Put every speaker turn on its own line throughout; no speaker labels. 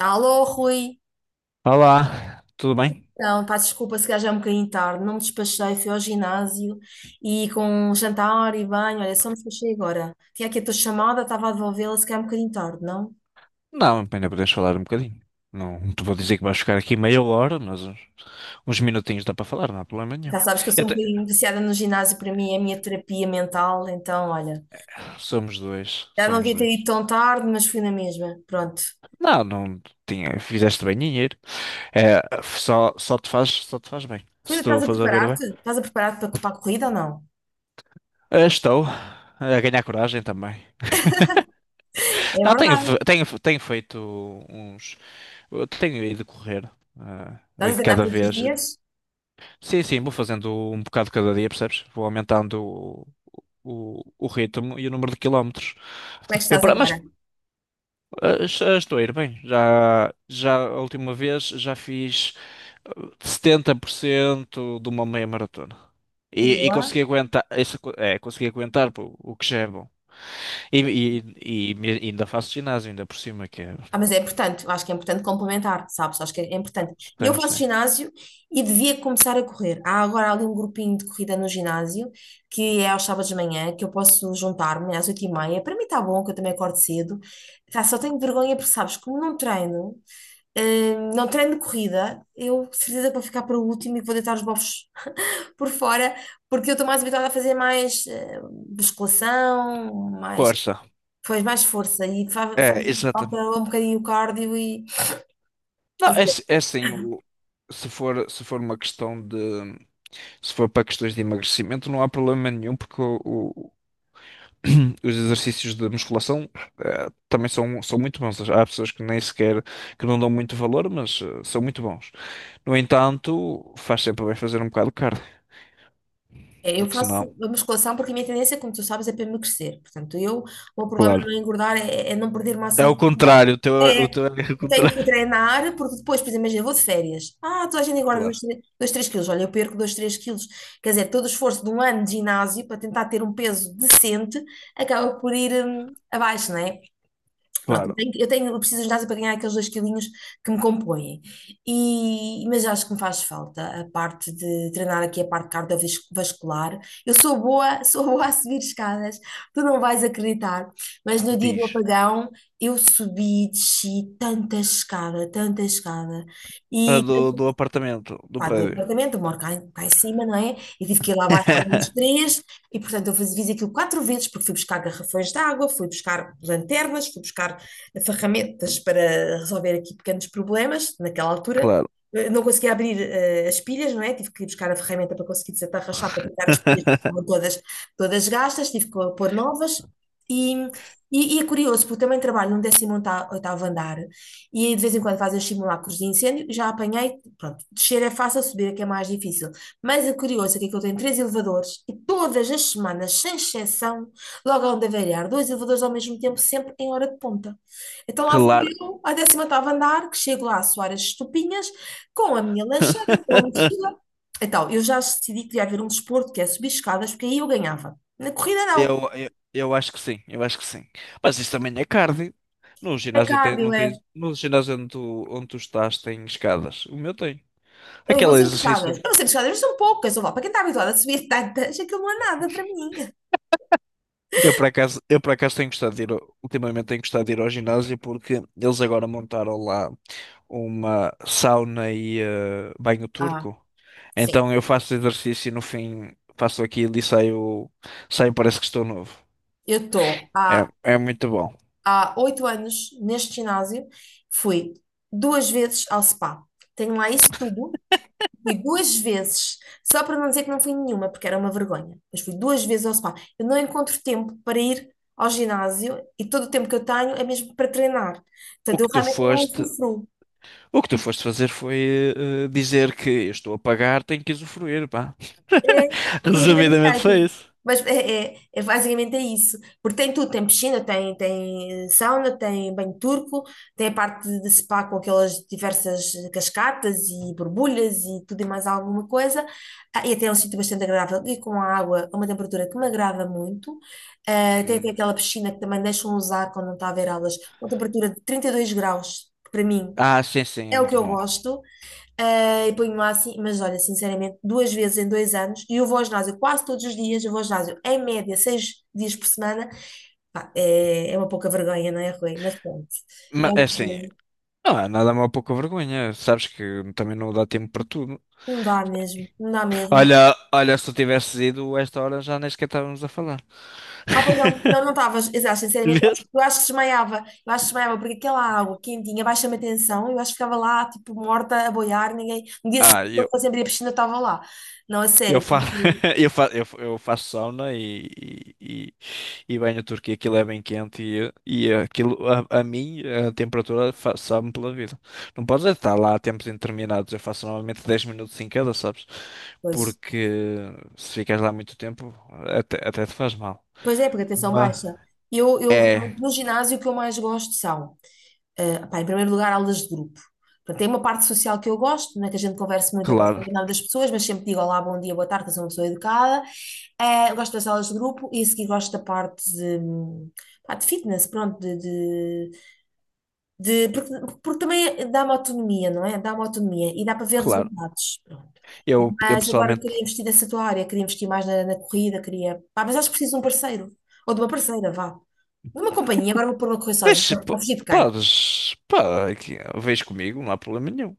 Alô, Rui.
Olá, tudo bem?
Então, pá, desculpa se calhar já é um bocadinho tarde. Não me despachei, fui ao ginásio e com um jantar e banho. Olha, só me despachei agora. Tinha aqui a tua chamada, estava a devolvê-la, se calhar é um bocadinho tarde, não?
Não, ainda podes falar um bocadinho. Não te vou dizer que vais ficar aqui meia hora, mas uns minutinhos dá para falar, não há problema nenhum.
Já sabes que eu
E
sou um
até-
bocadinho viciada no ginásio, para mim é a minha terapia mental. Então, olha,
Somos dois,
já não
somos
devia ter ido
dois.
tão tarde, mas fui na mesma. Pronto.
Não, não tinha, fizeste bem em ir. É, só te faz bem.
Rui,
Se tu
estás a
fores a ver bem.
preparar-te? Estás a preparar-te para a corrida ou não?
Estou a ganhar coragem também.
É
Não, tenho, fe-
verdade.
tenho, fe- tenho feito uns. Eu tenho ido correr.
Estás a treinar
Cada
todos os
vez.
dias?
Sim, sim, vou fazendo um bocado cada dia, percebes? Vou aumentando o ritmo e o número de quilómetros.
Como é que
Eu,
estás
pra- mas
agora?
ah, já estou a ir bem. Já a última vez já fiz eh, 70% de uma meia maratona. E
Boa.
consegui aguentar isso. Consegui aguentar pô, o que já é bom. E, e ainda faço ginásio, ainda por cima, que é.
Ah, mas é importante, eu acho que é importante complementar, sabes? Acho que é importante. Eu
Sim,
faço
sim.
ginásio e devia começar a correr. Há agora ali um grupinho de corrida no ginásio, que é aos sábados de manhã, que eu posso juntar-me às 8:30. Para mim está bom, que eu também acordo cedo. Tá, só tenho vergonha porque, sabes, como não treino, não treino corrida, eu de certeza que vou ficar para o último e que vou deitar os bofos por fora, porque eu estou mais habituada a fazer mais musculação, mais
Força.
faz mais força e faz
É,
falta
exatamente.
um bocadinho o cardio. E
Não,
às
é, é
vezes
assim, se for, se for uma questão de. Se for para questões de emagrecimento, não há problema nenhum, porque os exercícios de musculação também são, muito bons. Há pessoas que nem sequer, que não dão muito valor, mas são muito bons. No entanto, faz sempre bem fazer um bocado de cardio,
é, eu
porque
faço
senão,
a musculação porque a minha tendência, como tu sabes, é para emagrecer. Portanto, eu, o meu problema
claro.
não é engordar, é não perder massa
É o
muscular.
contrário, o teu, o
É,
teu é o
eu tenho que
contrário.
treinar porque depois, por exemplo, imagina, eu vou de férias. Ah, toda a gente engorda
Claro,
2 3 quilos. Olha, eu perco 2 3 quilos. Quer dizer, todo o esforço de um ano de ginásio para tentar ter um peso decente acaba por ir abaixo, não é? Pronto,
claro.
eu preciso de ginásio para ganhar aqueles dois quilinhos que me compõem. Mas acho que me faz falta a parte de treinar aqui a parte cardiovascular. Eu sou boa, sou boa a subir escadas, tu não vais acreditar. Mas no dia do
Diz.
apagão eu subi, desci tanta escada, tanta escada.
A
E
do apartamento, do
Pá, do
prédio.
apartamento, eu moro cá em cima, não é? E tive que ir lá abaixo ao menos três, e portanto eu fiz, fiz aquilo quatro vezes, porque fui buscar garrafões de água, fui buscar lanternas, fui buscar ferramentas para resolver aqui pequenos problemas. Naquela altura,
Claro.
não conseguia abrir as pilhas, não é? Tive que ir buscar a ferramenta para conseguir desatarrachar, para tirar as pilhas que estavam todas gastas, tive que pôr novas. E, e é curioso, porque eu também trabalho num 18º andar, e aí de vez em quando fazem os simulacros de incêndio, já apanhei, pronto, descer é fácil, subir é que é mais difícil. Mas o curioso é que eu tenho três elevadores e todas as semanas, sem exceção, logo onde avariar, dois elevadores ao mesmo tempo, sempre em hora de ponta. Então lá vou
Claro.
eu, ao 18º andar, que chego lá a suar as estupinhas, com a minha lancheira, com a minha mochila. Então, eu já decidi que devia haver um desporto que é subir escadas, porque aí eu ganhava. Na corrida não,
Eu acho que sim, eu acho que sim. Mas isso também é cardio. No
é
ginásio tem,
cardio,
não tens,
é.
no ginásio onde tu estás tem escadas. O meu tem.
Eu vou
Aquele
sempre
exercício.
escadas. Eu vou sempre escadas, mas são poucas. Eu vou. Para quem está habituado a subir tantas, aquilo não é nada para mim.
Eu por acaso tenho gostado de ir, ultimamente tenho gostado de ir ao ginásio porque eles agora montaram lá uma sauna e banho
Ah,
turco.
sim.
Então eu faço exercício e no fim faço aquilo e saio parece que estou novo.
Eu estou
É,
há,
é muito bom.
há 8 anos neste ginásio. Fui duas vezes ao spa. Tenho lá esse tubo. Fui duas vezes, só para não dizer que não fui nenhuma, porque era uma vergonha. Mas fui duas vezes ao spa. Eu não encontro tempo para ir ao ginásio e todo o tempo que eu tenho é mesmo para treinar.
O
Portanto, eu
que tu
realmente não
foste
usufruo.
O que tu foste fazer foi dizer que eu estou a pagar, tenho que usufruir, pá.
É, tudo que tem no
Resumidamente foi
site.
isso.
Mas basicamente é isso. Porque tem tudo, tem piscina, tem sauna, tem banho turco, tem a parte de spa com aquelas diversas cascatas e borbulhas e tudo e mais alguma coisa. Ah, e até é um sítio bastante agradável e com a água a uma temperatura que me agrada muito. Ah, tem até
Hum.
aquela piscina que também deixam usar quando não está a haver aulas, uma temperatura de 32 graus, que para mim
Ah, sim, sim, é
é o que
muito
eu
bom.
gosto. Ah, e ponho lá assim, mas olha, sinceramente, duas vezes em 2 anos, e eu vou ao ginásio quase todos os dias, eu vou ao ginásio em média 6 dias por semana. Pá, é, é uma pouca vergonha, não é, Rui? Mas pronto, é
Mas é
o que
assim,
é.
não há nada mal pouca vergonha. Sabes que também não dá tempo para tudo.
Não dá mesmo, não dá mesmo.
Olha, olha, se tu tivesses ido a esta hora já nem sequer estávamos a falar.
Ah, pois não, não, não estavas, exato, sinceramente, eu acho, eu acho que desmaiava, eu acho que desmaiava, porque aquela água quentinha baixa-me a tensão, eu acho que ficava lá, tipo, morta, a boiar, ninguém, no dia
Ah,
seguinte, eu sempre ir à piscina, eu estava lá, não, a
eu,
sério,
fa
porque,
eu faço sauna e, e banho turco e aquilo é bem quente e aquilo, a mim, a temperatura sabe-me pela vida. Não podes é estar lá a tempos indeterminados. Eu faço normalmente 10 minutos em cada, sabes?
pois,
Porque se ficas lá muito tempo, até te faz mal.
Pois é, porque a tensão
Mas,
baixa. Eu
é,
realmente, no ginásio o que eu mais gosto são, pá, em primeiro lugar, aulas de grupo. Portanto, tem uma parte social que eu gosto, não é que a gente converse muito, eu gosto
claro,
de nada das pessoas, mas sempre digo olá, bom dia, boa tarde, eu sou uma pessoa educada. Gosto das aulas de grupo e a seguir gosto da parte de, pá, de fitness, pronto, de, porque, também é, dá-me autonomia, não é? Dá-me autonomia e dá para ver
claro.
resultados. Pronto.
Eu
Mas agora queria
pessoalmente.
investir nessa tua área, queria investir mais na corrida, queria. Pá, mas acho que preciso de um parceiro, ou de uma parceira, vá. De uma companhia, agora vou pôr uma correr sozinha,
Mas
a
p-
fugir de quem?
Podes, pá, aqui, vês comigo, não há problema nenhum.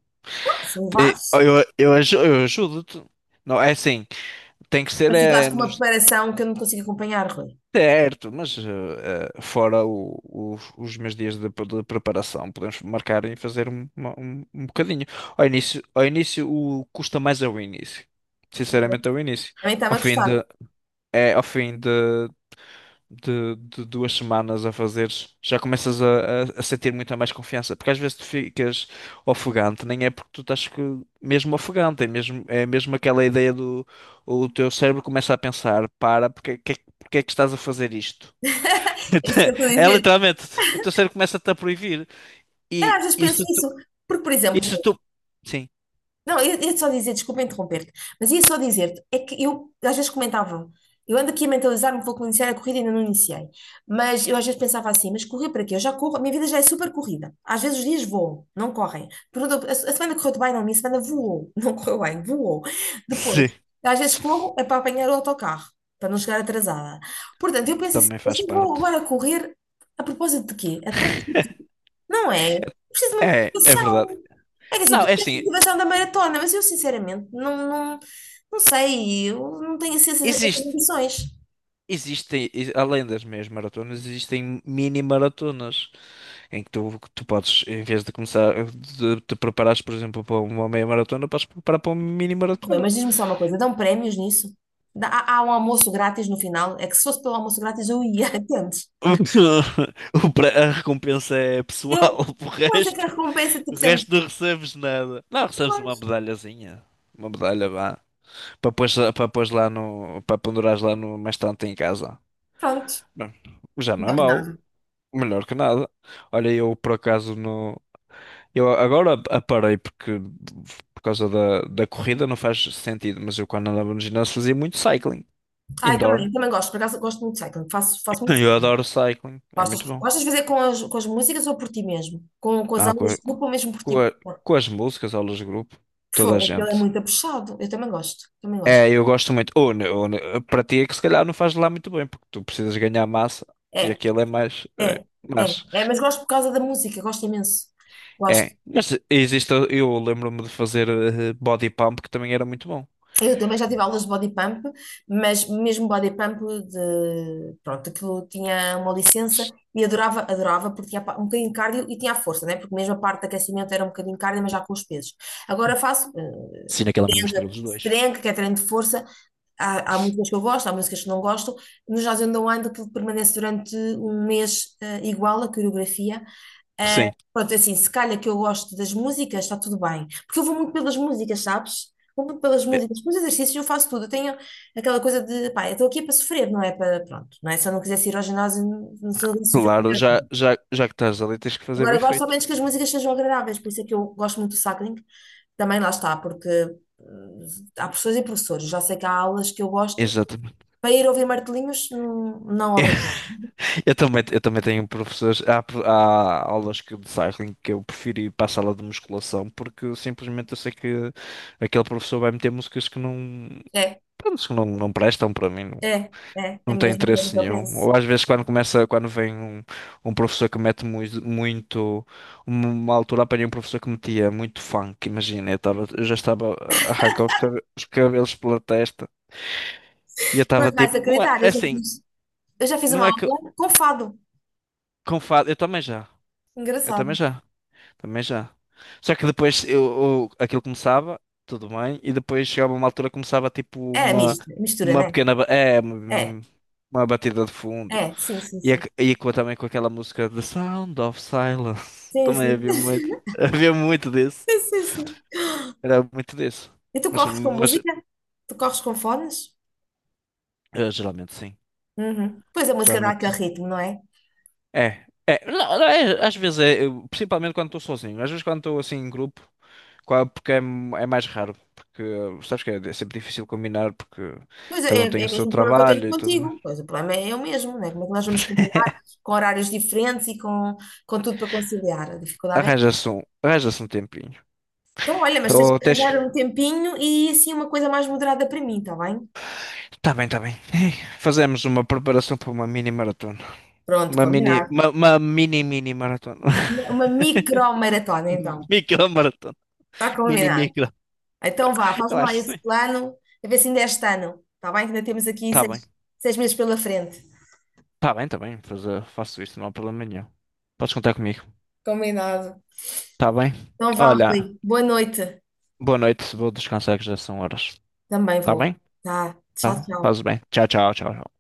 Se me
E
levares,
Eu, eu, aju- eu ajudo-te. Não, é assim, tem que ser
mas tu estás
é,
com uma
nos
preparação que eu não consigo acompanhar, Rui.
certo, mas fora os meus dias de preparação, podemos marcar e fazer um, um bocadinho. Ao início o, custa mais ao início. Sinceramente, ao início.
Também está-me
Ao
a
fim de,
custar.
ao fim de 2 semanas a fazeres, já começas a sentir muita mais confiança. Porque às vezes tu ficas ofegante, nem é porque tu estás mesmo ofegante, é mesmo aquela ideia do o teu cérebro começa a pensar, porque é que estás a fazer isto?
É isso que eu estou a
É
dizer.
literalmente, o teu cérebro começa-te a proibir.
Eu
E
às vezes penso isso, porque, por exemplo.
isso tu, sim,
Não, eu ia só dizer, desculpa interromper-te, mas ia só dizer-te, é que eu às vezes comentava, eu ando aqui a mentalizar-me, vou iniciar a corrida e ainda não iniciei, mas eu às vezes pensava assim, mas correr para quê? Eu já corro, a minha vida já é super corrida, às vezes os dias voam, não correm. A semana correu-te bem, não, a minha semana voou, não correu bem, voou, depois,
sim,
às vezes corro é para apanhar o autocarro, para não chegar atrasada, portanto, eu penso assim,
também
eu
faz
só vou
parte.
agora correr a propósito de quê? Atrás, não é? Preciso de uma
É, é verdade.
motivação. É que assim,
Não,
tu
é
tens a
assim,
motivação da maratona, mas eu sinceramente não, não, não sei, eu não tenho assim, essas
existe.
ambições.
Existem, além das meias maratonas, existem mini maratonas em que tu, podes, em vez de começar, de te preparares, por exemplo, para uma meia maratona, podes preparar para uma mini
Rui,
maratona.
mas diz-me só uma coisa, dão prémios nisso? Há um almoço grátis no final? É que se fosse pelo almoço grátis eu ia, entendes?
A recompensa é pessoal,
Eu,
o
Pois é que
resto,
a recompensa, tipo,
o
sempre,
resto não recebes nada. Não, recebes uma
pois,
medalhazinha, uma medalha, vá, para pôr, para pôr lá no, para pendurares lá no, mais tanto em casa.
pronto.
Bom, já não é
Melhor que
mau,
nada.
melhor que nada. Olha, eu por acaso no. Eu agora aparei porque por causa da corrida não faz sentido, mas eu quando andava no ginásio fazia muito cycling,
Ah, eu também,
indoor.
eu também gosto, por acaso gosto muito de cycling, faço muito
Eu
cycling.
adoro cycling, é
Gostas,
muito bom.
gostas de fazer com as músicas ou por ti mesmo? Com as
Ah, com,
aulas
a-
de
co-
grupo ou mesmo por
com,
ti?
a- com as músicas, aulas de grupo, toda a
Fogo, aquilo é
gente.
muito puxado, eu também gosto, também gosto.
É, eu gosto muito. Para ti é que se calhar não faz lá muito bem, porque tu precisas ganhar massa
É,
e aquilo é mais.
É, é,
Mas
é, mas gosto por causa da música, gosto imenso. Gosto.
é. Mas existe, eu lembro-me de fazer body pump que também era muito bom.
Eu também já tive aulas de body pump, mas mesmo body pump de, pronto, que eu tinha uma licença e adorava, adorava porque tinha um bocadinho de cardio e tinha a força, né? Porque mesmo a parte de aquecimento era um bocadinho de cardio, mas já com os pesos. Agora faço
Sim, naquela mistura
strength,
dos dois.
strength, que é treino de força. Há músicas que eu gosto, há músicas que não gosto. No Jazz and the Wind, aquilo permanece durante um mês igual, a coreografia. Eh,
Sim.
Pronto, é assim, se calhar que eu gosto das músicas, está tudo bem. Porque eu vou muito pelas músicas, sabes? Como pelas músicas, pelos exercícios eu faço tudo. Eu tenho aquela coisa de, pá, eu estou aqui para sofrer, não é para, pronto, não é? Se eu não quisesse ir ao ginásio, não, se eu não quisesse sofrer,
Claro,
eu
já,
não.
já, já que estás ali, tens que fazer
Agora,
bem
eu gosto ao
feito.
menos que as músicas sejam agradáveis, por isso é que eu gosto muito do cycling. Também lá está, porque hum, há professores e professores, já sei que há aulas que eu gosto,
Exatamente.
para ir ouvir martelinhos, não, não obrigo.
Eu também tenho professores. Há aulas que, de cycling que eu prefiro ir para a sala de musculação porque simplesmente eu sei que aquele professor vai meter músicas que não,
É,
pronto, que não, não prestam para mim, não,
é, é a
não tem
mesma coisa
interesse
que eu
nenhum.
penso.
Ou às vezes quando começa, quando vem um, professor que mete uma altura apanhei um professor que metia muito funk, imagina, eu, estava eu já estava a arrancar os cabelos pela testa. E eu
Não
estava
vais
tipo, não é
acreditar, eu
é
já
assim,
fiz, eu já fiz uma
não é que
aula com fado.
com fado, eu também
Engraçado.
já, também já. Só que depois aquilo começava, tudo bem, e depois chegava uma altura que começava tipo
É, misto, mistura,
uma
né?
pequena, ba- é,
É,
uma batida de fundo.
é, sim, sim, sim.
Também com aquela música The Sound of Silence,
Sim,
também
sim.
havia muito, havia muito disso,
Sim, sim.
era muito disso.
E tu
Mas,
corres com
mas
música? Tu corres com fones?
eh, geralmente sim,
Uhum. Pois a música dá aquele
geralmente.
ritmo, não é?
É, não, às vezes é, principalmente quando estou sozinho, às vezes quando estou assim em grupo, porque é mais raro, porque sabes que é, é sempre difícil combinar, porque
Pois é,
cada um tem
é
o
o
seu
mesmo problema que eu tenho
trabalho e tudo
contigo.
mais.
Pois o problema é o mesmo, não é? Como é que nós vamos combinar com horários diferentes e com tudo para conciliar? A dificuldade é.
Arranja-se um tempinho.
Então, olha, mas tens
Ou
que
tens
arranjar
que.
um tempinho e assim uma coisa mais moderada para mim, está bem?
Tá bem, tá bem. Fazemos uma preparação para uma mini maratona.
Pronto, combinado.
Uma mini, mini maratona.
Uma micro-maratona, então.
Micro maratona.
Está
Mini,
combinado.
micro.
Então vá,
Eu
faz-me lá
acho que
esse
sim.
plano, a ver se ainda é este ano, está bem? Que ainda temos aqui
Tá bem,
seis meses pela frente.
tá bem, tá bem. Faço isso, não há problema nenhum. Podes contar comigo.
Combinado.
Tá bem?
Não vá,
Olha,
Rui. Boa noite.
boa noite, vou descansar que já são horas.
Também
Tá
vou.
bem?
Tá. Tchau,
Tá,
tchau.
faz bem. Tchau, tchau, tchau.